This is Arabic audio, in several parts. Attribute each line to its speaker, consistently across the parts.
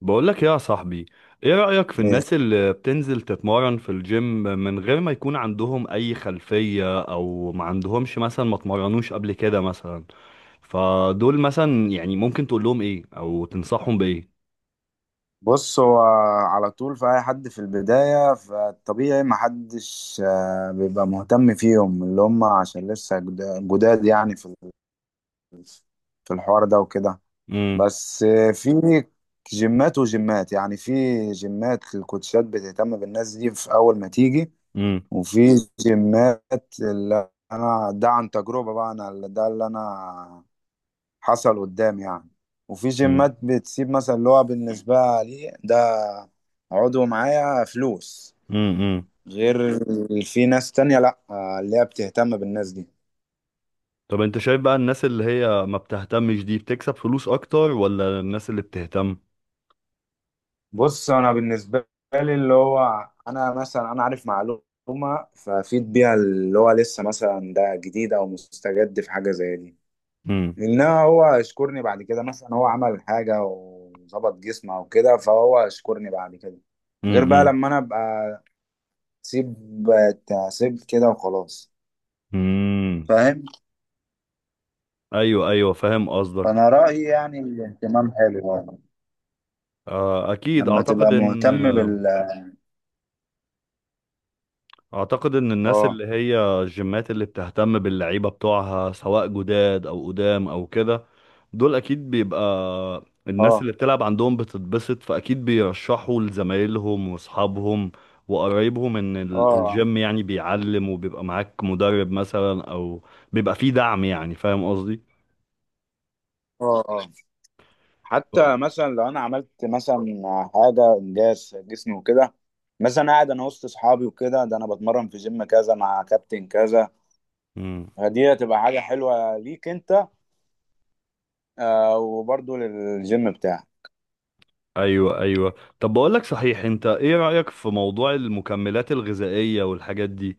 Speaker 1: بقولك يا صاحبي، ايه رأيك في
Speaker 2: إيه.
Speaker 1: الناس اللي بتنزل تتمرن في الجيم من غير ما يكون عندهم اي خلفية او ما عندهمش مثلا ما اتمرنوش قبل كده مثلا؟ فدول مثلا يعني ممكن تقول لهم ايه او تنصحهم بايه؟
Speaker 2: بص هو على طول في اي حد في البداية فالطبيعي ما حدش بيبقى مهتم فيهم اللي هم عشان لسه جداد يعني ال- في الحوار ده وكده.
Speaker 1: امم.
Speaker 2: بس في جيمات وجيمات يعني في جيمات الكوتشات بتهتم بالناس دي في اول ما تيجي.
Speaker 1: امم.
Speaker 2: وفي جيمات اللي انا ده عن تجربة بقى، انا ده اللي انا حصل قدام يعني. وفي
Speaker 1: امم.
Speaker 2: جيمات بتسيب مثلا اللي هو بالنسبة لي ده عضو معايا فلوس،
Speaker 1: امم.
Speaker 2: غير في ناس تانية لأ، اللي هي بتهتم بالناس دي.
Speaker 1: طب انت شايف بقى الناس اللي هي ما بتهتمش دي بتكسب فلوس اكتر ولا الناس اللي بتهتم؟
Speaker 2: بص، أنا بالنسبة لي اللي هو أنا مثلا أنا عارف معلومة فأفيد بيها اللي هو لسه مثلا ده جديد أو مستجد في حاجة زي دي.
Speaker 1: امم.
Speaker 2: إنما هو يشكرني بعد كده، مثلا هو عمل حاجة وظبط جسمه أو كده فهو يشكرني بعد كده، غير بقى
Speaker 1: امم.
Speaker 2: لما أنا أبقى سيب تعسيب كده وخلاص.
Speaker 1: امم.
Speaker 2: فاهم.
Speaker 1: ايوه، ايوه، فاهم قصدك.
Speaker 2: فانا رأيي يعني الاهتمام حلو يعني.
Speaker 1: آه، اكيد،
Speaker 2: لما
Speaker 1: اعتقد
Speaker 2: تبقى
Speaker 1: ان
Speaker 2: مهتم
Speaker 1: اعتقد ان الناس
Speaker 2: اه.
Speaker 1: اللي هي الجيمات اللي بتهتم باللعيبه بتوعها سواء جداد او قدام او كده، دول اكيد بيبقى الناس
Speaker 2: اه.
Speaker 1: اللي بتلعب عندهم بتتبسط، فاكيد بيرشحوا لزمايلهم واصحابهم وقرايبهم ان
Speaker 2: اه.
Speaker 1: الجيم يعني بيعلم وبيبقى معاك مدرب مثلا او بيبقى فيه دعم يعني، فاهم قصدي؟
Speaker 2: اه. اه.
Speaker 1: ف-
Speaker 2: حتى مثلا لو انا عملت مثلا حاجة انجاز في جسمي وكده، مثلا قاعد انا وسط اصحابي وكده، ده انا بتمرن في جيم كذا مع كابتن كذا،
Speaker 1: مم.
Speaker 2: فدي هتبقى حاجة حلوة ليك انت، وبرضه للجيم بتاعك.
Speaker 1: ايوه، ايوه. طب بقول لك صحيح، انت ايه رايك في موضوع المكملات الغذائيه والحاجات دي؟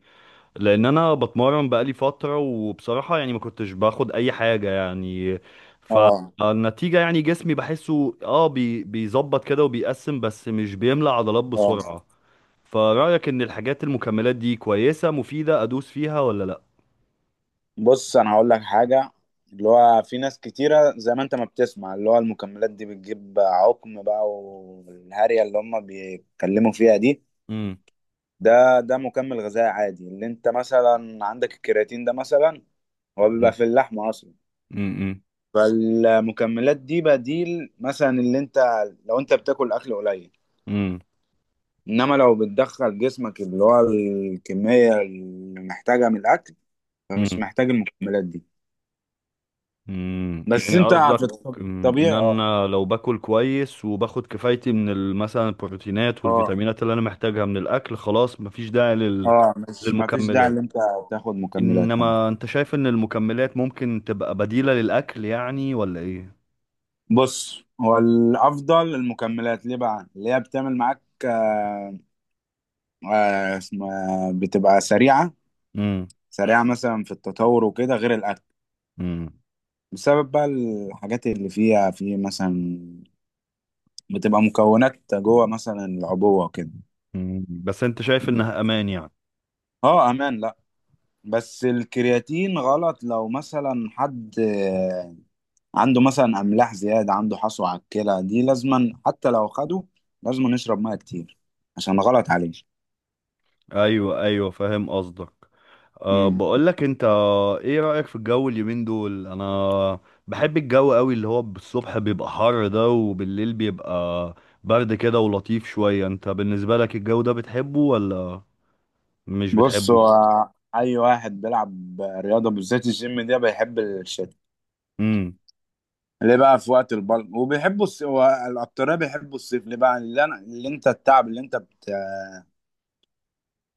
Speaker 1: لان انا بتمرن بقالي فتره وبصراحه يعني ما كنتش باخد اي حاجه يعني.
Speaker 2: اه،
Speaker 1: فالنتيجه يعني جسمي بحسه، اه بي بيظبط كده وبيقسم بس مش بيملى عضلات
Speaker 2: اه.
Speaker 1: بسرعه. فرايك ان الحاجات المكملات دي كويسه مفيده، ادوس فيها ولا لا؟
Speaker 2: بص انا هقول لك حاجه، اللي هو في ناس كتيره زي ما انت ما بتسمع اللي هو المكملات دي بتجيب عقم بقى، والهارية اللي هم بيتكلموا فيها دي.
Speaker 1: امم.
Speaker 2: ده مكمل غذائي عادي. اللي انت مثلا عندك الكرياتين ده مثلا، هو بيبقى في اللحمه اصلا.
Speaker 1: امم.
Speaker 2: فالمكملات دي بديل مثلا، اللي انت لو انت بتاكل اكل قليل.
Speaker 1: امم.
Speaker 2: انما لو بتدخل جسمك اللي هو الكميه اللي محتاجها من الاكل فمش محتاج المكملات دي. بس
Speaker 1: يعني
Speaker 2: انت في
Speaker 1: قصدك، ان
Speaker 2: الطبيعي. اه،
Speaker 1: انا لو باكل كويس وباخد كفايتي من مثلا البروتينات
Speaker 2: اه،
Speaker 1: والفيتامينات اللي انا محتاجها من الاكل، خلاص مفيش داعي
Speaker 2: اه. مش ما فيش داعي ان
Speaker 1: للمكملات.
Speaker 2: انت تاخد مكملات يعني.
Speaker 1: انما انت شايف ان المكملات ممكن تبقى بديلة للاكل يعني ولا ايه؟
Speaker 2: بص، هو الافضل المكملات ليه بقى اللي هي بتعمل معاك، اسمها بتبقى سريعه،
Speaker 1: امم.
Speaker 2: سريعه مثلا في التطور وكده غير الاكل،
Speaker 1: امم.
Speaker 2: بسبب بقى الحاجات اللي فيها في مثلا، بتبقى مكونات جوه مثلا العبوه وكده.
Speaker 1: أمم. بس انت شايف انها امان يعني؟
Speaker 2: اه، امان. لا، بس الكرياتين غلط لو مثلا حد عنده مثلا املاح زياده، عنده حصوه على الكلى، دي لازما حتى لو خده لازما نشرب ميه كتير عشان غلط عليه.
Speaker 1: ايوه، ايوه، فاهم قصدك.
Speaker 2: امم.
Speaker 1: بقول لك انت، ايه رأيك في الجو اليومين دول؟ انا بحب الجو قوي، اللي هو بالصبح بيبقى حر ده وبالليل بيبقى برد كده ولطيف شوية. انت بالنسبة لك الجو ده بتحبه ولا مش
Speaker 2: بص،
Speaker 1: بتحبه؟
Speaker 2: هو اي واحد بيلعب رياضه بالذات الجيم ده بيحب الشتاء.
Speaker 1: امم.
Speaker 2: ليه بقى؟ في وقت البلد وبيحبوا الاكتريه بيحبوا الصيف، ليه بقى؟ اللي انت التعب اللي انت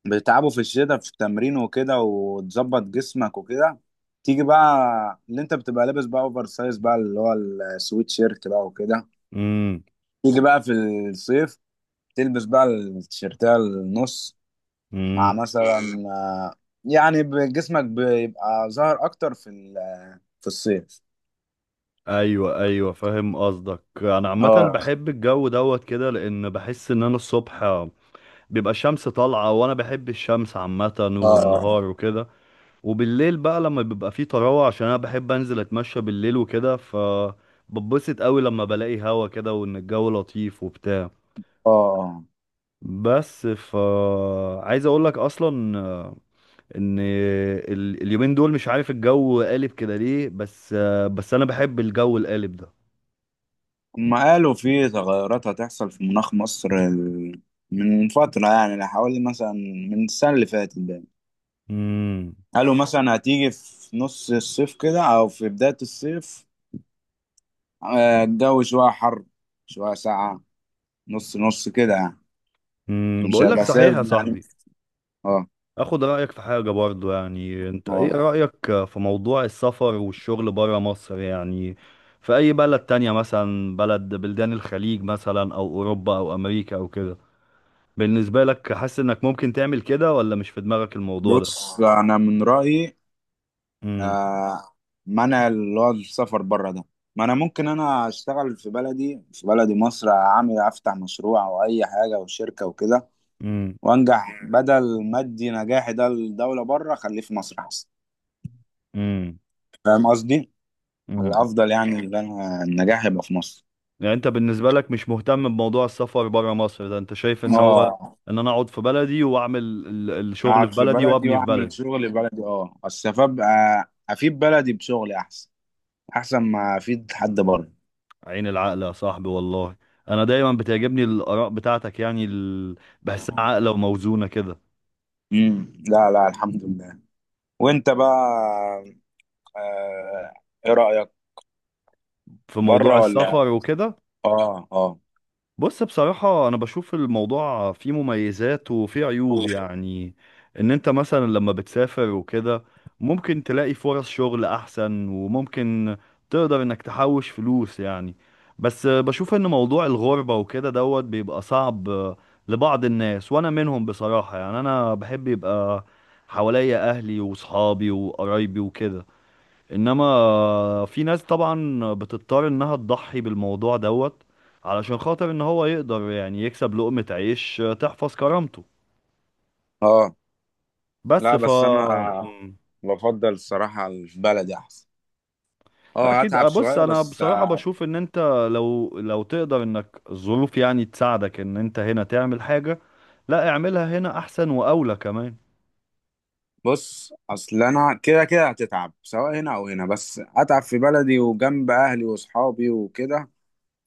Speaker 2: بتتعبه في الشتاء في التمرين وكده، وتظبط جسمك وكده، تيجي بقى اللي انت بتبقى لابس بقى اوفر سايز بقى، اللي هو السويت شيرت بقى وكده،
Speaker 1: امم.
Speaker 2: تيجي بقى في الصيف تلبس بقى التيشيرتات النص، مع مثلا آه، يعني جسمك بيبقى ظاهر اكتر في الصيف.
Speaker 1: ايوه، ايوه، فاهم قصدك. انا عامه
Speaker 2: اه،
Speaker 1: بحب الجو دوت كده، لان بحس ان انا الصبح بيبقى الشمس طالعه، وانا بحب الشمس عامه والنهار
Speaker 2: اه،
Speaker 1: وكده. وبالليل بقى لما بيبقى فيه طراوه، عشان انا بحب انزل اتمشى بالليل وكده، ببسط قوي لما بلاقي هوا كده وان الجو لطيف وبتاع.
Speaker 2: اه.
Speaker 1: بس عايز اقول لك اصلا، ان اليومين دول مش عارف الجو قالب كده ليه. بس بس انا بحب الجو القالب ده.
Speaker 2: هما قالوا في تغيرات هتحصل في مناخ مصر من فترة، يعني حوالي مثلا من السنة اللي فاتت بقى.
Speaker 1: امم.
Speaker 2: قالوا مثلا هتيجي في نص الصيف كده أو في بداية الصيف، الجو شوية حر، شوية ساقعة، نص نص كده يعني.
Speaker 1: امم.
Speaker 2: مش
Speaker 1: بقول لك
Speaker 2: هيبقى
Speaker 1: صحيح
Speaker 2: ثابت
Speaker 1: يا
Speaker 2: يعني.
Speaker 1: صاحبي،
Speaker 2: اه،
Speaker 1: اخد رأيك في حاجة برضو يعني. انت ايه
Speaker 2: اه.
Speaker 1: رأيك في موضوع السفر والشغل برا مصر يعني، في اي بلد تانية، مثلا بلدان الخليج مثلا او اوروبا او امريكا او كده؟ بالنسبة لك حاسس انك ممكن تعمل كده ولا مش في دماغك الموضوع ده؟
Speaker 2: بص، انا من رايي
Speaker 1: امم.
Speaker 2: آه منع اللي هو السفر بره ده. ما انا ممكن انا اشتغل في بلدي، في بلدي مصر، اعمل افتح مشروع او اي حاجه او شركه وكده
Speaker 1: امم.
Speaker 2: وانجح، بدل ما ادي نجاحي ده للدوله بره، خليه في مصر احسن.
Speaker 1: امم.
Speaker 2: فاهم قصدي.
Speaker 1: امم
Speaker 2: الافضل يعني ان انا النجاح يبقى في مصر.
Speaker 1: يعني انت بالنسبة لك مش مهتم بموضوع السفر برا مصر ده، انت شايف ان هو
Speaker 2: اه،
Speaker 1: ان انا اقعد في بلدي واعمل الشغل
Speaker 2: اقعد
Speaker 1: في
Speaker 2: في
Speaker 1: بلدي
Speaker 2: بلدي
Speaker 1: وابني في
Speaker 2: واعمل
Speaker 1: بلدي؟
Speaker 2: شغل بلدي، اه اصل ابقى افيد بلدي بشغلي احسن، احسن ما افيد حد بره.
Speaker 1: عين العقل يا صاحبي والله. انا دايما بتعجبني الاراء بتاعتك، يعني بحسها عاقله وموزونه كده.
Speaker 2: لا، لا، الحمد لله. وانت بقى، آه ايه رأيك؟
Speaker 1: في
Speaker 2: بره
Speaker 1: موضوع
Speaker 2: ولا؟
Speaker 1: السفر وكده.
Speaker 2: اه، اه،
Speaker 1: بص، بصراحة أنا بشوف الموضوع فيه مميزات وفيه عيوب يعني. إن أنت مثلا لما بتسافر وكده ممكن تلاقي فرص شغل أحسن، وممكن تقدر إنك تحوش فلوس يعني. بس بشوف إن موضوع الغربة وكده دوت بيبقى صعب لبعض الناس، وأنا منهم بصراحة يعني. أنا بحب يبقى حواليا أهلي وصحابي وقرايبي وكده. انما في ناس طبعا بتضطر انها تضحي بالموضوع دوت، علشان خاطر ان هو يقدر يعني يكسب لقمة عيش تحفظ كرامته.
Speaker 2: اه.
Speaker 1: بس
Speaker 2: لا، بس انا
Speaker 1: مم.
Speaker 2: بفضل الصراحة البلدي احسن.
Speaker 1: لا،
Speaker 2: اه،
Speaker 1: اكيد.
Speaker 2: هتعب
Speaker 1: آه، بص،
Speaker 2: شوية
Speaker 1: انا
Speaker 2: بس،
Speaker 1: بصراحة بشوف ان انت لو تقدر، انك الظروف يعني تساعدك ان انت هنا تعمل حاجة، لا، اعملها هنا احسن واولى كمان.
Speaker 2: بص، اصل انا كده كده هتتعب سواء هنا او هنا، بس اتعب في بلدي وجنب اهلي واصحابي وكده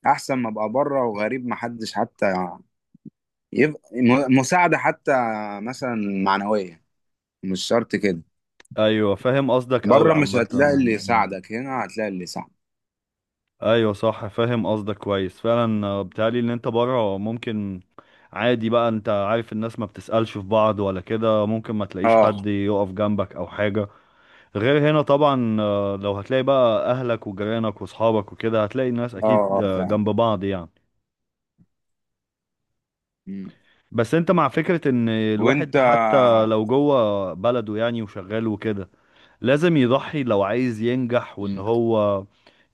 Speaker 2: احسن ما ابقى بره وغريب، محدش حتى يبقى مساعدة، حتى مثلا معنوية، مش شرط كده.
Speaker 1: ايوه، فاهم قصدك قوي
Speaker 2: بره مش
Speaker 1: عامة.
Speaker 2: هتلاقي اللي يساعدك، هنا هتلاقي اللي يساعدك.
Speaker 1: ايوه، صح، فاهم قصدك كويس فعلا. بيتهيألي ان انت بره ممكن عادي بقى، انت عارف الناس ما بتسألش في بعض ولا كده، ممكن ما تلاقيش
Speaker 2: اه،
Speaker 1: حد يقف جنبك او حاجة. غير هنا طبعا، لو هتلاقي بقى اهلك وجيرانك واصحابك وكده، هتلاقي الناس
Speaker 2: اه،
Speaker 1: اكيد،
Speaker 2: اه فعلا.
Speaker 1: جنب بعض يعني.
Speaker 2: مم.
Speaker 1: بس انت مع فكرة ان
Speaker 2: وانت.
Speaker 1: الواحد حتى لو جوه بلده يعني وشغال وكده لازم يضحي لو عايز ينجح، وان
Speaker 2: مم.
Speaker 1: هو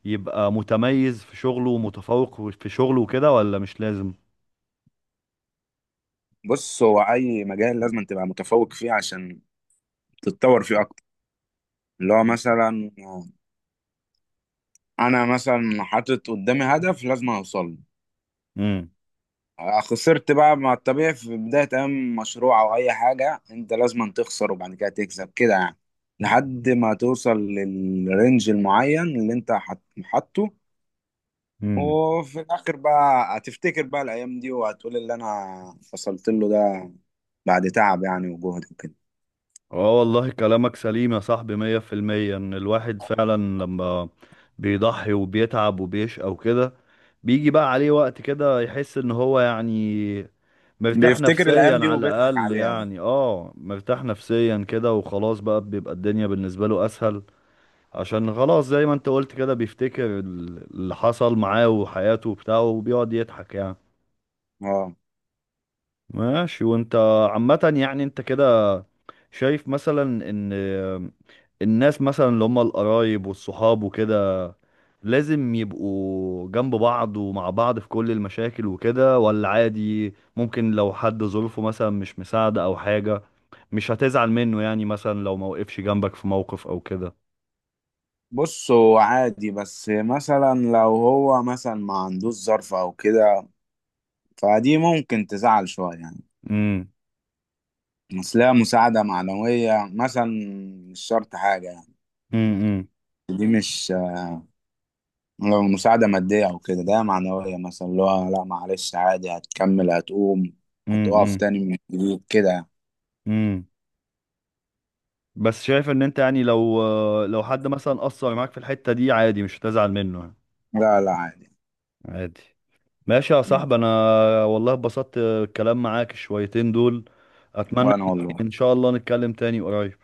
Speaker 1: يبقى متميز في شغله ومتفوق في شغله وكده، ولا مش لازم؟
Speaker 2: بص هو اي مجال لازم تبقى متفوق فيه عشان تتطور فيه اكتر. اللي هو مثلا انا مثلا حاطط قدامي هدف لازم اوصل له.
Speaker 1: امم.
Speaker 2: خسرت بقى، مع الطبيعي في بداية اي مشروع او اي حاجة انت لازم تخسر، وبعد كده تكسب كده يعني، لحد ما توصل للرينج المعين اللي انت حاطه.
Speaker 1: امم.
Speaker 2: وفي الاخر بقى هتفتكر بقى الايام دي وهتقول اللي انا وصلت له ده بعد تعب يعني وجهد وكده.
Speaker 1: اه، والله كلامك سليم يا صاحبي، 100%. ان الواحد فعلا لما بيضحي وبيتعب وبيشقى وكده، بيجي بقى عليه وقت كده يحس ان هو يعني مرتاح
Speaker 2: بيفتكر
Speaker 1: نفسيا
Speaker 2: الأيام دي
Speaker 1: على
Speaker 2: وبيضحك
Speaker 1: الاقل،
Speaker 2: عليها بقى.
Speaker 1: يعني مرتاح نفسيا كده وخلاص بقى، بيبقى الدنيا بالنسبة له اسهل. عشان خلاص زي ما انت قلت كده، بيفتكر اللي حصل معاه وحياته وبتاعه وبيقعد يضحك يعني.
Speaker 2: اه.
Speaker 1: ماشي. وانت عامة يعني، انت كده شايف مثلا ان الناس مثلا اللي هم القرايب والصحاب وكده لازم يبقوا جنب بعض ومع بعض في كل المشاكل وكده، ولا عادي؟ ممكن لو حد ظروفه مثلا مش مساعدة او حاجة، مش هتزعل منه يعني؟ مثلا لو ما وقفش جنبك في موقف او كده.
Speaker 2: بص، هو عادي، بس مثلا لو هو مثلا ما عندوش ظرف أو كده فدي ممكن تزعل شوية يعني.
Speaker 1: امم.
Speaker 2: أصلها مساعدة معنوية مثلا، مش شرط حاجة يعني.
Speaker 1: امم.
Speaker 2: دي مش لو مساعدة مادية أو كده، ده معنوية مثلا، اللي هو لا معلش، عادي، هتكمل، هتقوم، هتقف
Speaker 1: امم.
Speaker 2: تاني من جديد كده يعني.
Speaker 1: امم بس شايف ان انت يعني لو حد مثلا قصر معاك في الحتة دي عادي مش هتزعل منه يعني.
Speaker 2: لا، لا، عادي.
Speaker 1: عادي. ماشي يا
Speaker 2: مم.
Speaker 1: صاحبي. انا والله اتبسطت الكلام معاك شويتين دول. اتمنى
Speaker 2: وأنا والله.
Speaker 1: ان شاء الله نتكلم تاني قريب.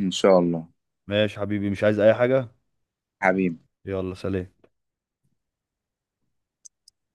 Speaker 2: إن شاء الله.
Speaker 1: ماشي حبيبي، مش عايز اي حاجة.
Speaker 2: حبيبي.
Speaker 1: يلا سلام.